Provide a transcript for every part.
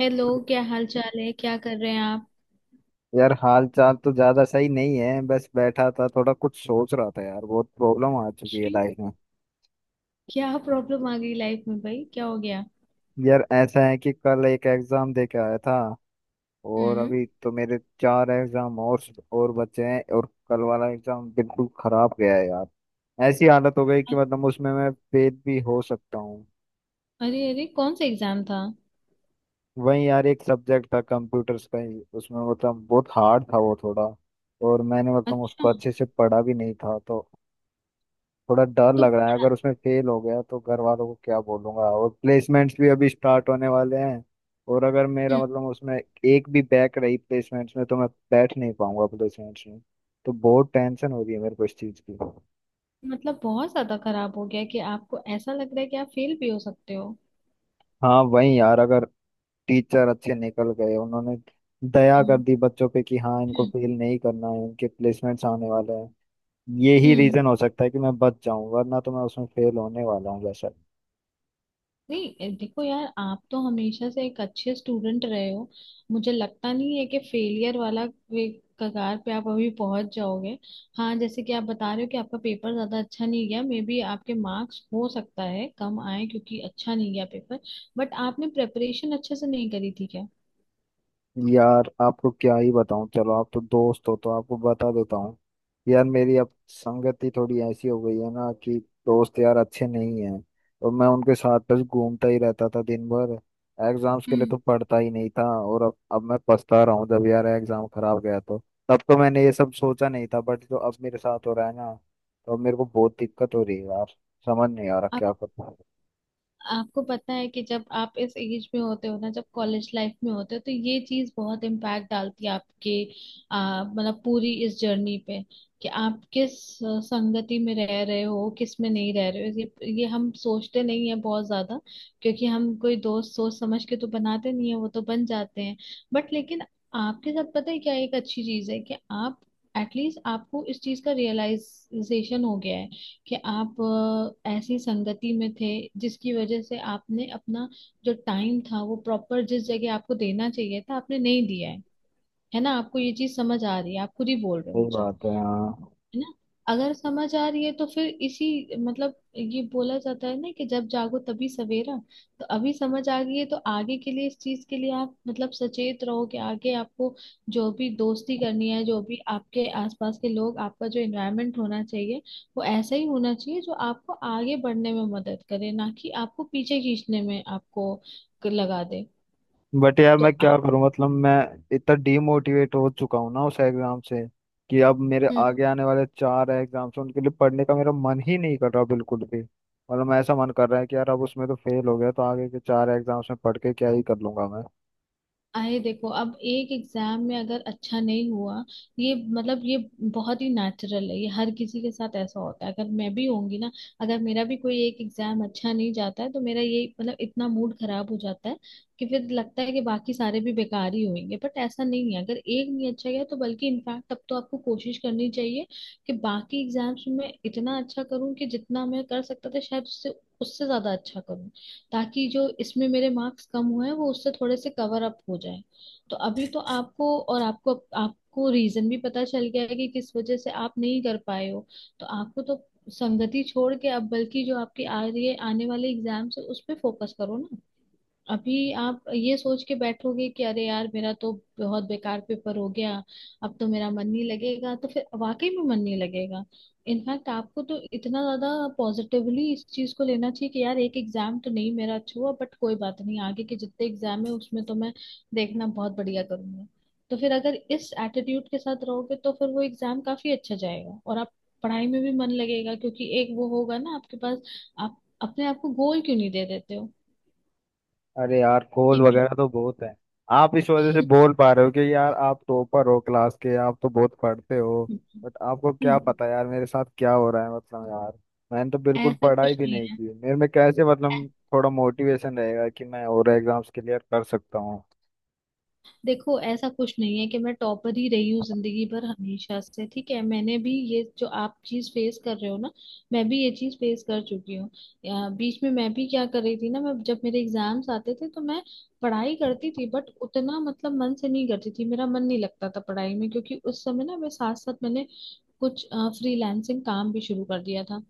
Hello. क्या हाल चाल है? क्या कर रहे हैं आप? यार, हाल चाल तो ज्यादा सही नहीं है। बस बैठा था, थोड़ा कुछ सोच रहा था। यार, बहुत प्रॉब्लम आ चुकी है क्यों? लाइफ में। क्या प्रॉब्लम आ गई लाइफ में, भाई? क्या हो गया? यार, ऐसा है कि कल एक एग्जाम दे के आया था, और हम्म। अभी तो मेरे चार एग्जाम और बचे हैं। और कल वाला एग्जाम बिल्कुल खराब गया है यार। ऐसी हालत हो गई कि अ- मतलब उसमें मैं फेल भी हो सकता हूँ। अरे अरे, कौन सा एग्जाम था? वहीं यार, एक सब्जेक्ट था कंप्यूटर्स का ही, उसमें मतलब बहुत हार्ड था वो थोड़ा। और मैंने मतलब अच्छा। उसको अच्छे से पढ़ा भी नहीं था, तो थोड़ा डर तो लग रहा है। अगर उसमें फेल हो गया तो घर वालों को क्या बोलूंगा, और प्लेसमेंट्स भी अभी स्टार्ट होने वाले हैं। और अगर मेरा हम्म मतलब उसमें एक भी बैक रही प्लेसमेंट्स में, तो मैं बैठ नहीं पाऊंगा प्लेसमेंट्स में। तो बहुत टेंशन हो रही है मेरे को इस चीज़ की। मतलब बहुत ज्यादा खराब हो गया कि आपको ऐसा लग रहा है कि आप फेल भी हो सकते हो? हाँ, वही यार, अगर टीचर अच्छे निकल गए, उन्होंने दया कर हम्म। दी बच्चों पे कि हाँ इनको हम्म, फेल नहीं करना है, इनके प्लेसमेंट्स आने वाले हैं। यही हम्म। रीजन हो सकता है कि मैं बच जाऊं, वरना तो मैं उसमें फेल होने वाला हूँ जैसा। नहीं, देखो यार, आप तो हमेशा से एक अच्छे स्टूडेंट रहे हो। मुझे लगता नहीं है कि फेलियर वाला वे कगार पे आप अभी पहुंच जाओगे। हाँ, जैसे कि आप बता रहे हो कि आपका पेपर ज्यादा अच्छा नहीं गया, मे बी आपके मार्क्स हो सकता है कम आए क्योंकि अच्छा नहीं गया पेपर। बट आपने प्रेपरेशन अच्छे से नहीं करी थी क्या? यार, आपको क्या ही बताऊं। चलो आप तो दोस्त हो तो आपको बता देता हूँ। यार, मेरी अब संगति थोड़ी ऐसी हो गई है ना कि दोस्त यार अच्छे नहीं हैं। और मैं उनके साथ बस घूमता ही रहता था दिन भर। एग्जाम्स के लिए हम्म। तो पढ़ता ही नहीं था। और अब मैं पछता रहा हूँ, जब यार एग्जाम खराब गया तो। तब तो मैंने ये सब सोचा नहीं था, बट जो अब मेरे साथ हो रहा है ना, तो अब मेरे को बहुत दिक्कत हो रही है यार। समझ नहीं आ रहा क्या करूं। आपको पता है कि जब आप इस एज में होते हो ना, जब कॉलेज लाइफ में होते हो, तो ये चीज बहुत इम्पैक्ट डालती है आपके मतलब पूरी इस जर्नी पे, कि आप किस संगति में रह रहे हो, किस में नहीं रह रहे हो। ये हम सोचते नहीं है बहुत ज्यादा, क्योंकि हम कोई दोस्त सोच समझ के तो बनाते नहीं है, वो तो बन जाते हैं। बट लेकिन आपके साथ पता है क्या एक अच्छी चीज है कि आप एटलीस्ट आपको इस चीज का रियलाइजेशन हो गया है कि आप ऐसी संगति में थे जिसकी वजह से आपने अपना जो टाइम था वो प्रॉपर जिस जगह आपको देना चाहिए था, आपने नहीं दिया है। है ना? आपको ये चीज समझ आ रही है, आप खुद ही बोल रहे हो सही मुझे। बात है, हाँ। है ना? अगर समझ आ रही है तो फिर इसी मतलब ये बोला जाता है ना कि जब जागो तभी सवेरा। तो अभी समझ आ गई है तो आगे के लिए इस चीज के लिए आप मतलब सचेत रहो कि आगे आपको जो भी दोस्ती करनी है, जो भी आपके आसपास के लोग, आपका जो एनवायरनमेंट होना चाहिए, वो ऐसा ही होना चाहिए जो आपको आगे बढ़ने में मदद करे, ना कि आपको पीछे खींचने में आपको लगा दे। बट यार, मैं तो क्या आप करूं मतलब। मैं इतना डीमोटिवेट हो चुका हूं ना उस एग्जाम से, कि अब मेरे आगे आने वाले चार एग्जाम्स हैं, उनके लिए पढ़ने का मेरा मन ही नहीं कर रहा बिल्कुल भी। मतलब ऐसा मन कर रहा है कि यार अब उसमें तो फेल हो गया, तो आगे के चार एग्जाम्स में पढ़ के क्या ही कर लूंगा मैं। आए, देखो, अब एक एग्जाम में अगर अच्छा नहीं हुआ, ये मतलब ये बहुत ही नेचुरल है, ये हर किसी के साथ ऐसा होता है। अगर मैं भी होंगी ना, अगर मेरा भी कोई एक एग्जाम अच्छा नहीं जाता है तो मेरा ये मतलब इतना मूड खराब हो जाता है कि फिर लगता है कि बाकी सारे भी बेकार ही होंगे। बट ऐसा नहीं है। अगर एक नहीं अच्छा गया तो बल्कि इनफैक्ट तब तो आपको कोशिश करनी चाहिए कि बाकी एग्जाम्स में इतना अच्छा करूं कि जितना मैं कर सकता था शायद उससे उससे ज्यादा अच्छा करूं, ताकि जो इसमें मेरे मार्क्स कम हुए हैं वो उससे थोड़े से कवर अप हो जाए। तो अभी तो आपको और आपको आपको रीजन भी पता चल गया है कि किस वजह से आप नहीं कर पाए हो। तो आपको तो संगति छोड़ के अब बल्कि जो आपकी आ रही है, आने वाले एग्जाम्स है, उस पर फोकस करो ना। अभी आप ये सोच के बैठोगे कि अरे यार मेरा तो बहुत बेकार पेपर हो गया, अब तो मेरा मन नहीं लगेगा, तो फिर वाकई में मन नहीं लगेगा। इनफैक्ट आपको तो इतना ज्यादा पॉजिटिवली इस चीज को लेना चाहिए कि यार एक एग्जाम तो नहीं मेरा अच्छा हुआ, बट कोई बात नहीं, आगे के जितने एग्जाम है उसमें तो मैं देखना बहुत बढ़िया करूंगा। तो फिर अगर इस एटीट्यूड के साथ रहोगे तो फिर वो एग्जाम काफी अच्छा जाएगा और आप पढ़ाई में भी मन लगेगा क्योंकि एक वो होगा ना आपके पास। आप अपने आप को गोल क्यों नहीं दे देते हो? अरे यार, कॉल कि वगैरह तो बहुत है। आप इस वजह से बोल पा रहे हो कि यार आप टॉपर हो क्लास के, आप तो बहुत पढ़ते हो। बट आपको क्या हम्म, पता यार मेरे साथ क्या हो रहा है। मतलब यार, मैंने तो बिल्कुल ऐसा पढ़ाई कुछ भी नहीं नहीं है। की, मेरे में कैसे ऐ- मतलब थोड़ा मोटिवेशन रहेगा कि मैं और एग्जाम्स क्लियर कर सकता हूँ। देखो, ऐसा कुछ नहीं है कि मैं टॉपर ही रही हूँ जिंदगी भर हमेशा से। ठीक है? मैंने भी ये जो आप चीज फेस कर रहे हो ना, मैं भी ये चीज फेस कर चुकी हूँ। बीच में मैं भी क्या कर रही थी ना, मैं जब मेरे एग्जाम्स आते थे तो मैं पढ़ाई करती थी बट उतना मतलब मन से नहीं करती थी, मेरा मन नहीं लगता था पढ़ाई में, क्योंकि उस समय ना मैं साथ साथ मैंने कुछ फ्रीलांसिंग काम भी शुरू कर दिया था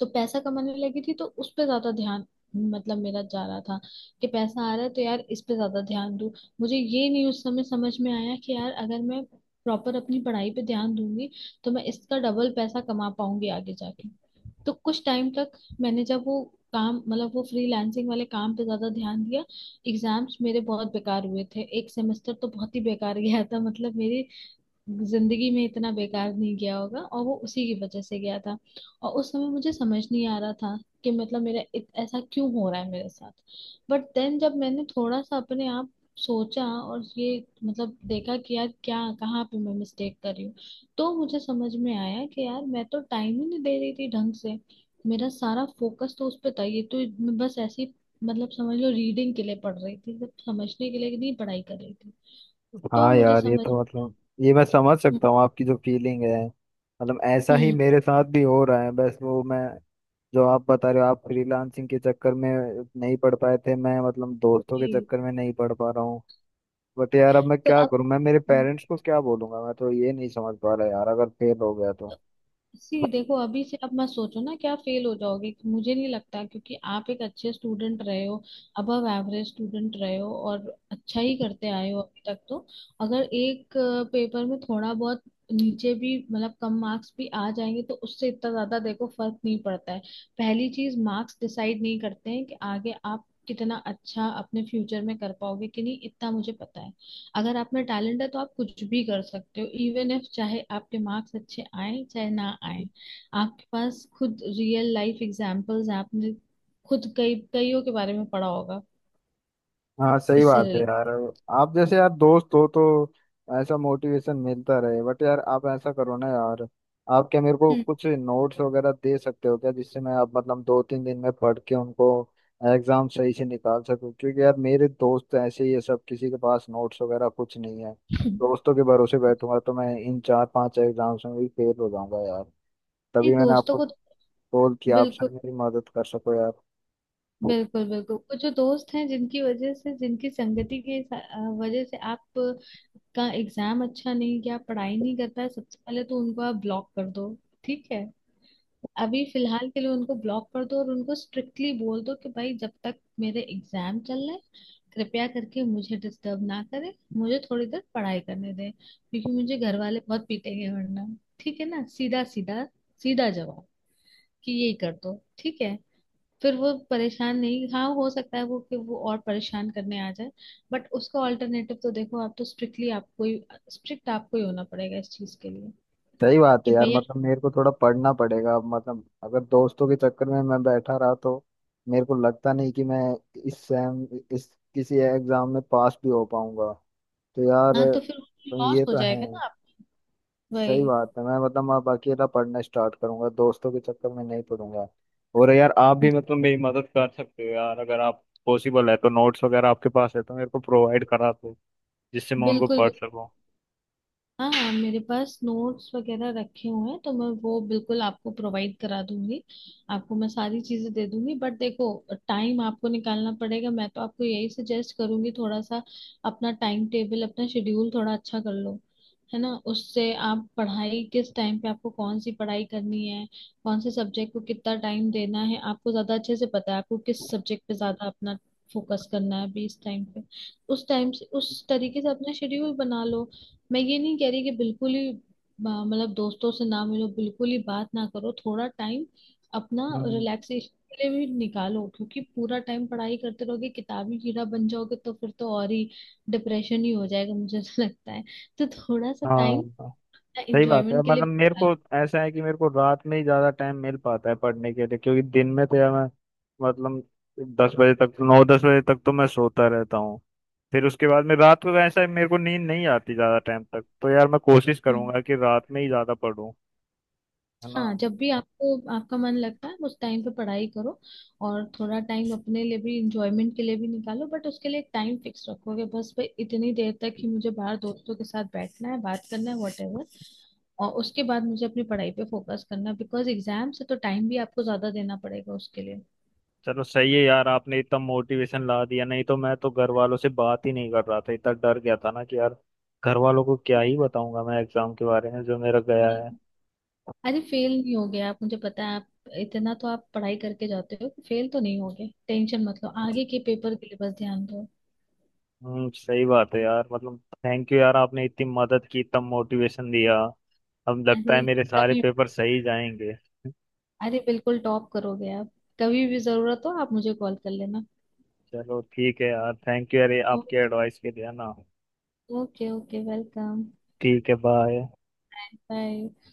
तो पैसा कमाने लगी थी, तो उस पे ज्यादा ध्यान मतलब मेरा जा रहा था कि पैसा आ रहा है तो यार इस पे ज्यादा ध्यान दूं। मुझे ये नहीं उस समय समझ में आया कि यार अगर मैं प्रॉपर अपनी पढ़ाई पे ध्यान दूंगी तो मैं इसका डबल पैसा कमा पाऊंगी आगे जाके। तो कुछ टाइम तक मैंने जब वो काम मतलब वो फ्रीलांसिंग वाले काम पे ज्यादा ध्यान दिया, एग्जाम्स मेरे बहुत बेकार हुए थे, एक सेमेस्टर तो बहुत ही बेकार गया था, मतलब मेरी जिंदगी में इतना बेकार नहीं गया होगा, और वो उसी की वजह से गया था। और उस समय मुझे समझ नहीं आ रहा था कि मतलब ऐसा क्यों हो रहा है मेरे साथ। बट देन जब मैंने थोड़ा सा अपने आप सोचा और ये मतलब देखा कि यार क्या कहाँ पे मैं मिस्टेक कर रही हूँ, तो मुझे समझ में आया कि यार मैं तो टाइम ही नहीं दे रही थी ढंग से। मेरा सारा फोकस तो उस पे था, ये तो मैं बस ऐसी मतलब समझ लो रीडिंग के लिए पढ़ रही थी, सिर्फ समझने के लिए नहीं पढ़ाई कर रही थी। तो हाँ मुझे यार, ये समझ। तो मतलब ये मैं समझ हम्म। सकता हूँ आपकी जो फीलिंग है। मतलब ऐसा ही हम्म, मेरे साथ भी हो रहा है। बस वो, मैं, जो आप बता रहे हो आप फ्रीलांसिंग के चक्कर में नहीं पढ़ पाए थे, मैं मतलब दोस्तों के जी। चक्कर में नहीं पढ़ पा रहा हूँ। बट यार, अब मैं तो क्या अब करूँ। मैं मेरे पेरेंट्स को क्या बोलूंगा, मैं तो ये नहीं समझ पा रहा यार, अगर फेल हो गया तो। सी देखो, अभी से अब मत सोचो ना क्या फेल हो जाओगे, मुझे नहीं लगता, क्योंकि आप एक अच्छे स्टूडेंट रहे हो, अबव एवरेज स्टूडेंट रहे हो और अच्छा ही करते आए हो अभी तक। तो अगर एक पेपर में थोड़ा बहुत नीचे भी मतलब कम मार्क्स भी आ जाएंगे तो उससे इतना ज्यादा देखो फर्क नहीं पड़ता है। पहली चीज, मार्क्स डिसाइड नहीं करते हैं कि आगे आप कितना अच्छा अपने फ्यूचर में कर पाओगे कि नहीं, इतना मुझे पता है। अगर आप में टैलेंट है तो आप कुछ भी कर सकते हो, इवन इफ चाहे आपके मार्क्स अच्छे आए चाहे ना आए। आपके पास खुद रियल लाइफ एग्जांपल्स हैं, आपने खुद कई कईयों के बारे में पढ़ा होगा हाँ सही इससे बात है यार। रिलेटेड। आप जैसे यार दोस्त हो तो ऐसा मोटिवेशन मिलता रहे। बट यार, आप ऐसा करो ना यार, आप क्या मेरे को हम्म। कुछ नोट्स वगैरह दे सकते हो क्या, जिससे मैं अब मतलब 2-3 दिन में पढ़ के उनको एग्जाम सही से निकाल सकूं। क्योंकि यार मेरे दोस्त ऐसे ही है सब, किसी के पास नोट्स वगैरह कुछ नहीं है। दोस्तों के भरोसे बैठूंगा तो मैं इन 4-5 एग्जाम्स में भी फेल हो जाऊंगा यार। नहीं, तभी मैंने दोस्तों आपको को कॉल किया, आप सर बिल्कुल, मेरी मदद कर सको यार। बिल्कुल, बिल्कुल, वो जो दोस्त हैं जिनकी वजह से, जिनकी संगति के वजह से आप का एग्जाम अच्छा नहीं गया, पढ़ाई नहीं कर पाए, सबसे पहले तो उनको आप ब्लॉक कर दो। ठीक है? अभी फिलहाल के लिए उनको ब्लॉक कर दो और उनको स्ट्रिक्टली बोल दो कि भाई जब तक मेरे एग्जाम चल रहे हैं कृपया करके मुझे डिस्टर्ब ना करें, मुझे थोड़ी देर पढ़ाई करने दें क्योंकि मुझे घर वाले बहुत पीटेंगे वरना। ठीक है ना? सीधा सीधा सीधा जवाब कि यही कर दो। ठीक है? फिर वो परेशान नहीं, हाँ हो सकता है वो कि वो और परेशान करने आ जाए, बट उसका ऑल्टरनेटिव तो देखो, आप तो स्ट्रिक्टली आपको ही स्ट्रिक्ट आपको ही होना पड़ेगा इस चीज के लिए सही बात है कि यार भैया। मतलब। मेरे को थोड़ा पढ़ना पड़ेगा मतलब। अगर दोस्तों के चक्कर में मैं बैठा रहा तो मेरे को लगता नहीं कि मैं इस सेम इस किसी एग्जाम में पास भी हो पाऊंगा, तो यार हाँ तो फिर तुम, लॉस ये हो तो है। जाएगा ना आप। वही सही बात है। मैं मतलब अब अकेला पढ़ना स्टार्ट करूंगा, दोस्तों के चक्कर में नहीं पढ़ूंगा। और यार आप भी मतलब मेरी मदद कर सकते हो यार, अगर आप पॉसिबल है तो। नोट्स वगैरह आपके पास है तो मेरे को प्रोवाइड करा दो, जिससे मैं उनको बिल्कुल पढ़ बिल्कुल। सकूँ। हाँ, मेरे पास नोट्स वगैरह रखे हुए हैं तो मैं वो बिल्कुल आपको प्रोवाइड करा दूंगी। आपको मैं सारी चीजें दे दूंगी बट देखो टाइम आपको निकालना पड़ेगा। मैं तो आपको यही सजेस्ट करूंगी, थोड़ा सा अपना टाइम टेबल, अपना शेड्यूल थोड़ा अच्छा कर लो। है ना? उससे आप पढ़ाई किस टाइम पे आपको कौन सी पढ़ाई करनी है, कौन से सब्जेक्ट को कितना टाइम देना है, आपको ज्यादा अच्छे से पता है आपको किस सब्जेक्ट पे ज्यादा अपना फोकस करना है अभी इस टाइम पे। उस टाइम से उस तरीके से अपना शेड्यूल बना लो। मैं ये नहीं कह रही कि बिल्कुल ही मतलब दोस्तों से ना मिलो, बिल्कुल ही बात ना करो। थोड़ा टाइम अपना हम्म, रिलैक्सेशन के लिए भी निकालो, क्योंकि पूरा टाइम पढ़ाई करते रहोगे किताबी कीड़ा बन जाओगे तो फिर तो और ही डिप्रेशन ही हो जाएगा मुझे तो लगता है। तो थोड़ा सा हाँ टाइम सही बात है। एंजॉयमेंट के लिए मतलब मेरे निकालो। को ऐसा है कि मेरे को रात में ही ज्यादा टाइम मिल पाता है पढ़ने के लिए, क्योंकि दिन में तो यार मैं मतलब 10 बजे तक, 9-10 बजे तक तो मैं सोता रहता हूँ। फिर उसके बाद में रात को ऐसा है मेरे को नींद नहीं आती ज्यादा टाइम तक, तो यार मैं कोशिश करूंगा कि रात में ही ज्यादा पढूं, है ना। हाँ, जब भी आपको आपका मन लगता है उस टाइम पे पढ़ाई करो, और थोड़ा टाइम अपने लिए भी इंजॉयमेंट के लिए भी निकालो बट उसके लिए टाइम फिक्स रखोगे, बस भाई इतनी देर तक ही मुझे बाहर दोस्तों के साथ बैठना है, बात करना है, वॉटेवर, और उसके बाद मुझे अपनी पढ़ाई पे फोकस करना है बिकॉज एग्जाम से तो टाइम भी आपको ज्यादा देना पड़ेगा उसके लिए। चलो सही है यार, आपने इतना मोटिवेशन ला दिया। नहीं तो मैं तो घर वालों से बात ही नहीं कर रहा था, इतना डर गया था ना कि यार घर वालों को क्या ही बताऊंगा मैं एग्जाम के बारे में जो मेरा गया नहीं। है। अरे, फेल नहीं हो गया आप, मुझे पता है आप इतना तो आप पढ़ाई करके जाते हो, फेल तो नहीं हो गए, टेंशन मत लो, आगे के पेपर के लिए बस ध्यान दो। हम्म, सही बात है यार मतलब। थैंक यू यार, आपने इतनी मदद की, इतना मोटिवेशन दिया। अब लगता है अरे मेरे सारे तभी, पेपर सही जाएंगे। अरे बिल्कुल टॉप करोगे आप। कभी भी जरूरत हो आप मुझे कॉल कर लेना। चलो ठीक है यार, थैंक यू यार ये ओ, आपके एडवाइस के लिए ना। Okay okay, welcome. ठीक है बाय। बाय।